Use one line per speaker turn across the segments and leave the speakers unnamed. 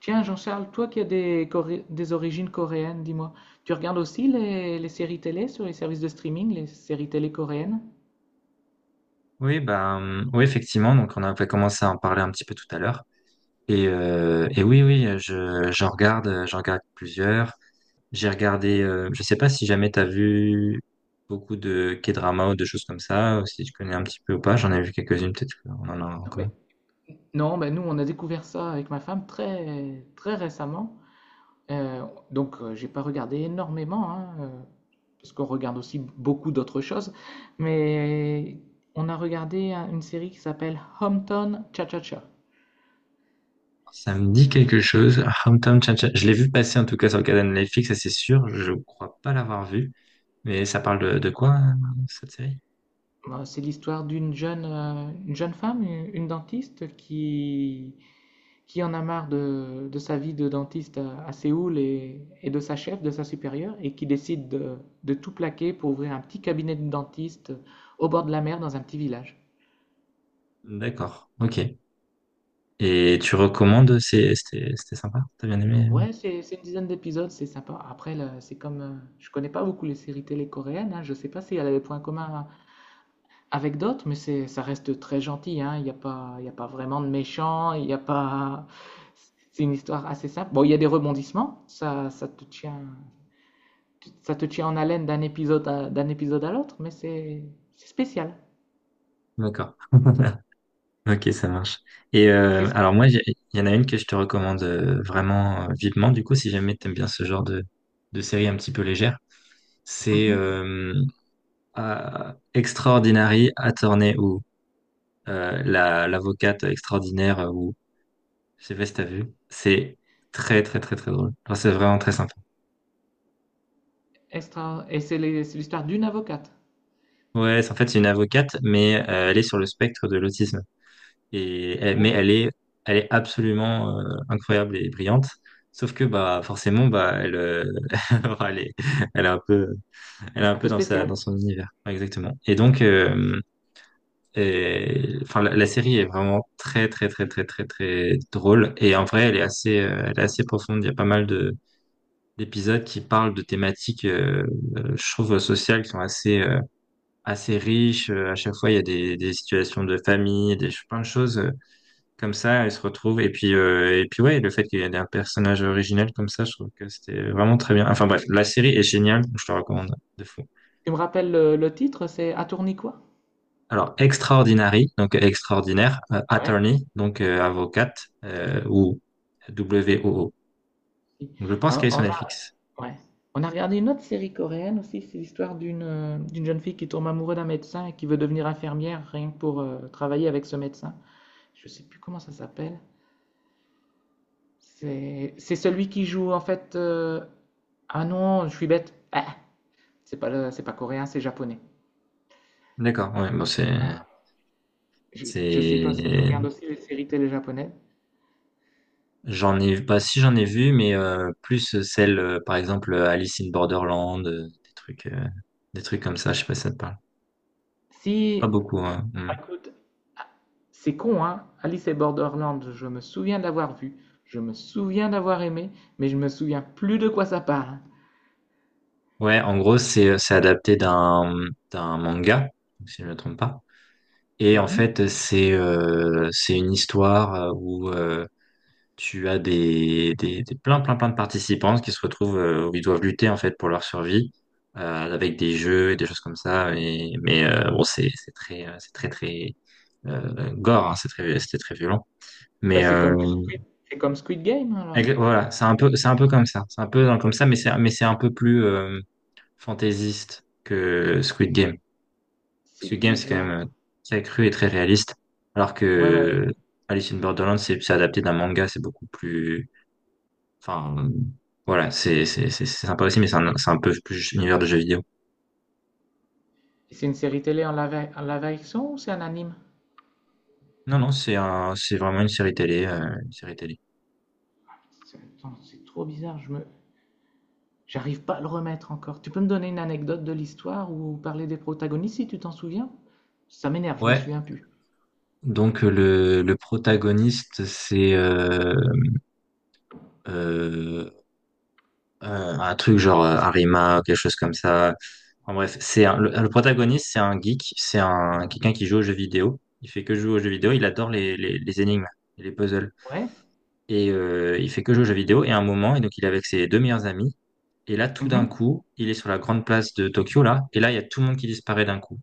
Tiens, Jean-Charles, toi qui as Coré- des origines coréennes, dis-moi, tu regardes aussi les séries télé sur les services de streaming, les séries télé coréennes?
Oui, ben, oui, effectivement. Donc, on avait commencé à en parler un petit peu tout à l'heure. Et oui, oui, j'en regarde plusieurs. Je sais pas si jamais t'as vu beaucoup de K-drama ou de choses comme ça, ou si tu connais un petit peu ou pas. J'en ai vu quelques-unes, peut-être qu'on en a,
Non, mais,
comment?
non, ben, nous, on a découvert ça avec ma femme très, très récemment. Euh, donc, j'ai pas regardé énormément, hein, parce qu'on regarde aussi beaucoup d'autres choses. Mais on a regardé une série qui s'appelle Hometown Cha-Cha-Cha.
Ça me dit
Alors, je-
quelque chose. Hometown Cha-Cha. Je l'ai vu passer en tout cas sur le canal Netflix, ça c'est sûr. Je crois pas l'avoir vu. Mais ça parle de quoi, cette série?
bah, c'est l'histoire d'une jeune, une jeune femme, une dentiste, qui en a marre de sa vie de dentiste à Séoul et de sa chef, de sa supérieure, et qui décide de tout plaquer pour ouvrir un petit cabinet de dentiste au bord de la mer dans un petit village.
D'accord. Ok. Et tu recommandes, c'était sympa, t'as bien aimé?
Ouais, c'est une dizaine d'épisodes, c'est sympa. Après, là, c'est comme. Je connais pas beaucoup les séries télé coréennes, hein, je sais pas si elle a des points communs avec d'autres, mais c'est, ça reste très gentil, hein. Il n'y a pas, il y a pas vraiment de méchants, il y a pas. C'est une histoire assez simple. Bon, il y a des rebondissements, ça, ça te tient en haleine d'un épisode d'un épisode à l'autre, mais c'est spécial.
D'accord. Ok, ça marche. Et
Qu'est-ce... que...
alors moi, il y en a une que je te recommande vraiment vivement, du coup, si jamais t'aimes bien ce genre de série un petit peu légère, c'est
Mhm.
Extraordinary Attorney ou l'avocate extraordinaire ou je sais pas si t'as vu. C'est très très très très drôle. Enfin, c'est vraiment très sympa.
Extra... Et c'est c'est l'histoire d'une avocate.
Ouais, c'est en fait c'est une avocate, mais elle est sur le spectre de l'autisme. Mais
Oh,
elle est absolument incroyable et brillante. Sauf que bah forcément bah elle, elle est, elle est un peu, elle est un
un
peu
peu
dans
spécial.
son univers. Ouais, exactement. Et donc, enfin la série est vraiment très très très
Si.
très très très drôle. Et en vrai, elle est assez profonde. Il y a pas mal de d'épisodes qui parlent de thématiques, je trouve, sociales qui sont assez riches. À chaque fois, il y a des situations de famille, plein de choses comme ça, elle se retrouve. Et puis, ouais, le fait qu'il y ait un personnage original comme ça, je trouve que c'était vraiment très bien. Enfin bref, la série est géniale, je te recommande de fou.
Tu me rappelles le titre, c'est À tourner quoi?
Alors, Extraordinary, donc extraordinaire,
Ouais.
attorney, donc avocate, ou Woo.
Si.
Donc, je pense qu'elle
Hein,
est sur
on a,
Netflix.
ouais. On a regardé une autre série coréenne aussi, c'est l'histoire d'une d'une jeune fille qui tombe amoureuse d'un médecin et qui veut devenir infirmière rien que pour travailler avec ce médecin. Je sais plus comment ça s'appelle. C'est celui qui joue en fait. Ah non, je suis bête. Ah, c'est pas, c'est pas coréen, c'est japonais.
D'accord, ouais, bon,
Je sais pas si tu
c'est,
regardes aussi les séries télé japonaises.
bah, si j'en ai vu, mais plus celle, par exemple, Alice in Borderland, des trucs comme ça, je sais pas si ça te parle. Pas
Si,
beaucoup, hein.
ah,
Mm.
écoute, ah, c'est con, hein. Alice et Borderland, je me souviens de l'avoir vu, je me souviens d'avoir aimé, mais je me souviens plus de quoi ça parle.
Ouais, en gros, c'est adapté d'un manga, si je ne me trompe pas. Et en
Mhm.
fait, c'est une histoire où tu as des plein plein plein de participants qui se retrouvent où ils doivent lutter en fait pour leur survie avec des jeux et des choses comme ça. Mais bon, c'est très très gore, hein, c'était très violent.
Bah,
Mais
c'est comme Squid, c'est comme Squid Game alors.
voilà, c'est un peu comme ça, mais c'est un peu plus fantaisiste que Squid Game.
C'est
Parce que Game, c'est quand même
bizarre.
très cru et très réaliste. Alors
Ouais, ouais, ouais.
que Alice in Borderland, c'est adapté d'un manga, c'est beaucoup plus. Enfin, voilà, c'est sympa aussi, mais c'est un peu plus univers de jeux vidéo.
Et c'est une série télé en live action ou c'est un anime?
Non, non, c'est vraiment une série télé.
Attends, c'est trop bizarre. J'arrive pas à le remettre encore. Tu peux me donner une anecdote de l'histoire ou parler des protagonistes si tu t'en souviens? Ça m'énerve, je me
Ouais,
souviens plus.
donc le protagoniste, c'est euh, Euh, un truc genre Arima, quelque chose comme ça. En bref, le protagoniste, c'est un geek, c'est un quelqu'un qui joue aux jeux vidéo. Il fait que jouer aux jeux vidéo, il adore les énigmes et les puzzles.
Ouais?
Il fait que jouer aux jeux vidéo. Et à un moment, et donc il est avec ses deux meilleurs amis. Et là, tout d'un
Mhm.
coup, il est sur la grande place de Tokyo, là. Et là, il y a tout le monde qui disparaît d'un coup.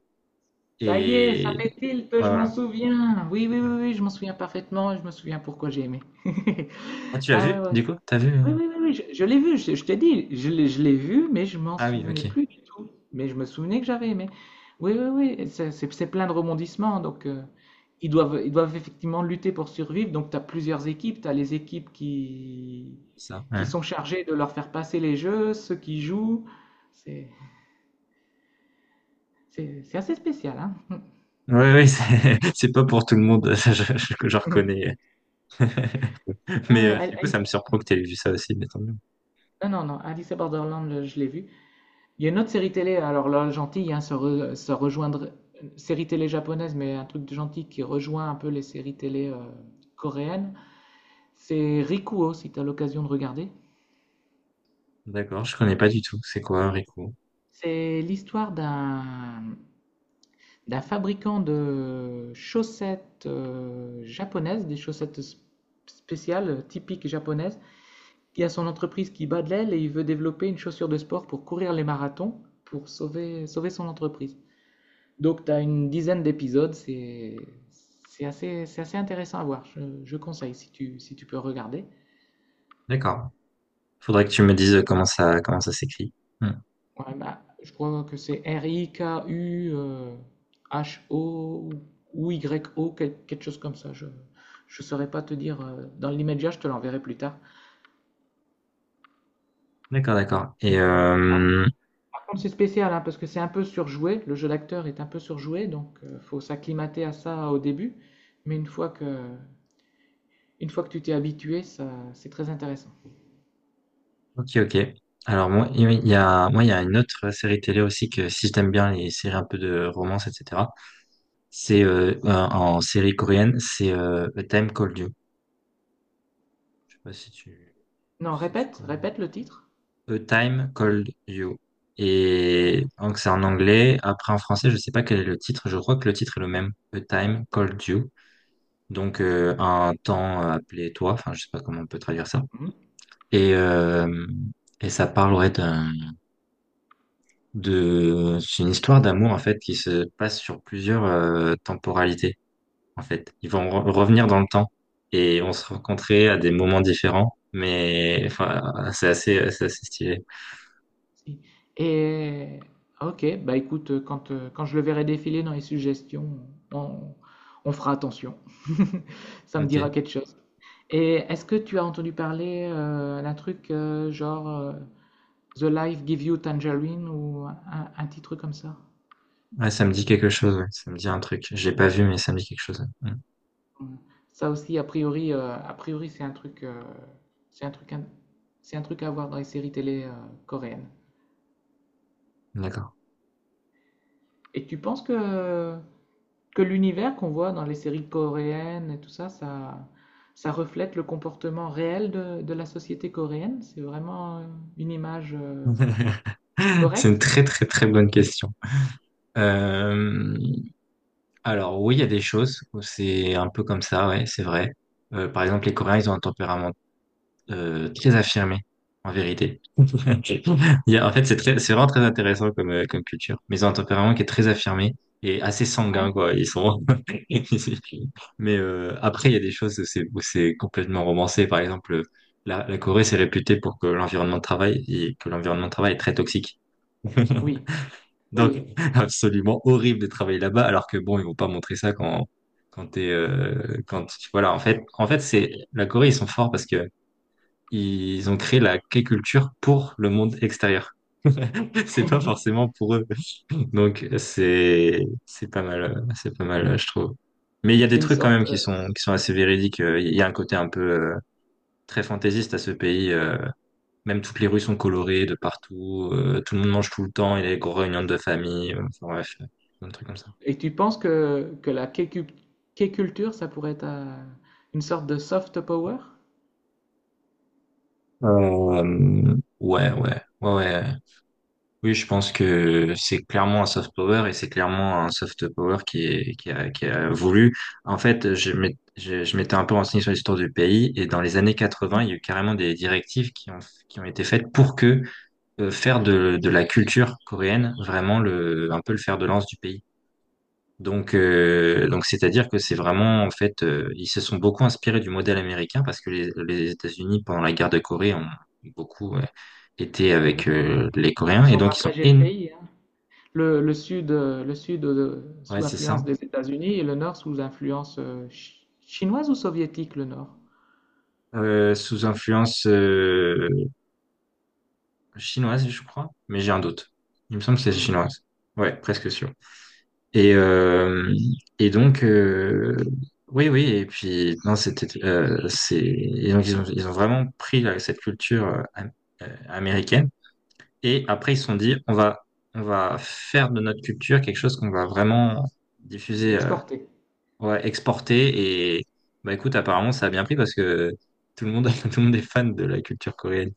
Ça y est, ça
Et
fait tilt,
ouais,
je m'en
voilà.
souviens. Oui, oui, oui, oui, je m'en souviens parfaitement et je me souviens pourquoi j'ai aimé.
Ah, tu l'as
Ah ouais,
vu,
ouais,
du coup? T'as vu?
oui,
euh
oui, oui, oui, je l'ai vu, je t'ai dit, je l'ai vu, mais je m'en
Ah oui,
souvenais
ok.
plus du tout. Mais je me souvenais que j'avais aimé. Oui, oui, oui, c'est plein de rebondissements. Donc, ils doivent effectivement lutter pour survivre. Donc, tu as plusieurs équipes. Tu as les équipes
C'est ça.
qui
Ouais,
sont chargées de leur faire passer les jeux, ceux qui jouent. C'est assez spécial, hein?
ouais, ouais, c'est c'est pas pour tout le monde, je reconnais.
Ah
Mais
ouais,
du coup, ça
Alice-
me surprend que tu aies vu ça aussi, mais tant mieux.
non, non, non, Alice in Borderland, je l'ai vu. Il y a une autre série télé, alors là, gentille, hein, ça, ça rejoindrait. Série télé japonaise, mais un truc de gentil qui rejoint un peu les séries télé coréennes. C'est Rikuo, si tu as l'occasion de regarder.
D'accord, je connais pas du tout. C'est quoi, Rico?
C'est l'histoire d'un d'un fabricant de chaussettes japonaises, des chaussettes spéciales, typiques japonaises, qui a son entreprise qui bat de l'aile et il veut développer une chaussure de sport pour courir les marathons, pour sauver, sauver son entreprise. Donc, tu as une dizaine d'épisodes, c'est assez intéressant à voir. Je conseille si tu, si tu peux regarder.
D'accord. Faudrait que tu me dises comment ça s'écrit. Hmm.
Ouais, bah, je crois que c'est R-I-K-U-H-O ou Y-O, quelque chose comme ça. Je ne saurais pas te dire dans l'immédiat, je te l'enverrai plus tard.
D'accord, d'accord. Et
Alors,
euh,
par contre, c'est spécial hein, parce que c'est un peu surjoué. Le jeu d'acteur est un peu surjoué, donc il faut s'acclimater à ça au début. Mais une fois que tu t'es habitué, ça, c'est très intéressant.
ok, ok. Alors moi, il y a une autre série télé aussi que si j'aime bien les séries un peu de romance, etc. C'est en série coréenne, c'est A Time Called You. Je sais pas si tu,
Non,
si tu
répète,
connais.
répète le titre.
A Time Called You. Et donc c'est en anglais. Après en français, je sais pas quel est le titre. Je crois que le titre est le même. A Time Called You. Donc
Si.
un temps appelé toi. Enfin, je sais pas comment on peut traduire ça.
Mmh.
Et euh, et ça parle ouais, d'un de c'est une histoire d'amour en fait qui se passe sur plusieurs temporalités en fait. Ils vont revenir dans le temps et on se rencontrer à des moments différents. Mais enfin, c'est assez stylé.
Si. Et OK, bah écoute, quand, quand je le verrai défiler dans les suggestions, on, on fera attention. Ça me dira
Ok.
quelque chose. Et est-ce que tu as entendu parler d'un truc genre The Life Give You Tangerine ou un petit truc comme ça?
Ouais, ça me dit quelque chose, ouais. Ça me dit un truc. Je l'ai pas vu, mais ça me dit quelque chose. Ouais.
Mm. Ça aussi, a priori, c'est un truc, c'est un truc, c'est un truc à voir dans les séries télé coréennes.
Mm. D'accord.
Et tu penses que l'univers qu'on voit dans les séries coréennes et tout ça, ça, ça reflète le comportement réel de la société coréenne. C'est vraiment une image
C'est une
correcte?
très très très bonne question. Euh, alors oui, il y a des choses où c'est un peu comme ça, ouais, c'est vrai. Par exemple, les Coréens, ils ont un tempérament très affirmé, en vérité. Ok. En fait, c'est vraiment très intéressant comme culture. Mais ils ont un tempérament qui est très affirmé et assez sanguin,
Ouais.
quoi. Ils sont. Mais après, il y a des choses où c'est complètement romancé. Par exemple, la Corée, c'est réputé pour que l'environnement de travail est très toxique.
Oui,
Donc,
oui.
absolument horrible de travailler là-bas. Alors que bon, ils vont pas montrer ça quand quand t'es quand voilà. En fait, c'est la Corée, ils sont forts parce que ils ont créé la K-culture pour le monde extérieur. C'est pas forcément pour eux. Donc c'est pas mal, je trouve. Mais il y a
C'est
des
une
trucs quand même
sorte.
qui sont qui sont assez véridiques. Il y a un côté un peu très fantaisiste à ce pays. Même toutes les rues sont colorées de partout. Tout le monde mange tout le temps. Il y a des grosses réunions de famille. Enfin bref, plein de trucs comme ça.
Et tu penses que la K-culture, ça pourrait être une sorte de soft power?
Ouais, ouais, ouais, ouais. Oui, je pense que c'est clairement un soft power et c'est clairement un soft power qui a voulu. En fait, je m'étais un peu renseigné sur l'histoire du pays et dans les années
Hmm.
80, il y a eu carrément des directives qui ont été faites pour que faire de la culture coréenne vraiment un peu le fer de lance du pays. Donc, c'est-à-dire que c'est vraiment, en fait, ils se sont beaucoup inspirés du modèle américain parce que les États-Unis, pendant la guerre de Corée, ont beaucoup, été
Ah
avec
oui, ils
les Coréens et
sont
donc ils sont.
partagés le pays. Hein. Le sud
Ouais,
sous
c'est
influence
ça.
des États-Unis et le nord sous influence chinoise ou soviétique, le nord?
Sous influence chinoise, je crois, mais j'ai un doute. Il me semble que c'est
Mmh.
chinoise. Ouais, presque sûr. Et, euh, et donc, oui, oui, et puis, non, c'était, c'est, et donc, ils ont vraiment pris là, cette culture américaine, et après, ils se sont dit, on va faire de notre culture quelque chose qu'on va vraiment diffuser
Exporté.
Ouais, exporté et bah écoute, apparemment ça a bien pris parce que tout le monde, tout le monde est fan de la culture coréenne.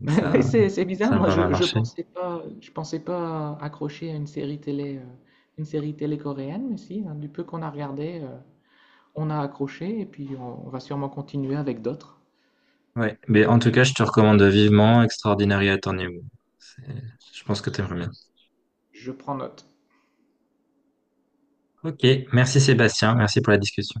Donc
Bah, ouais,
ça,
c'est bizarre.
ça a
Moi,
pas mal marché.
je pensais pas accrocher à une série télé coréenne, mais si, hein, du peu qu'on a regardé, on a accroché et puis on va sûrement continuer avec d'autres.
Ouais, mais en tout cas, je te recommande vivement Extraordinary Attorney Woo. C'est- Je pense que t'aimerais bien.
Je prends note.
Ok, merci Sébastien, merci pour la discussion.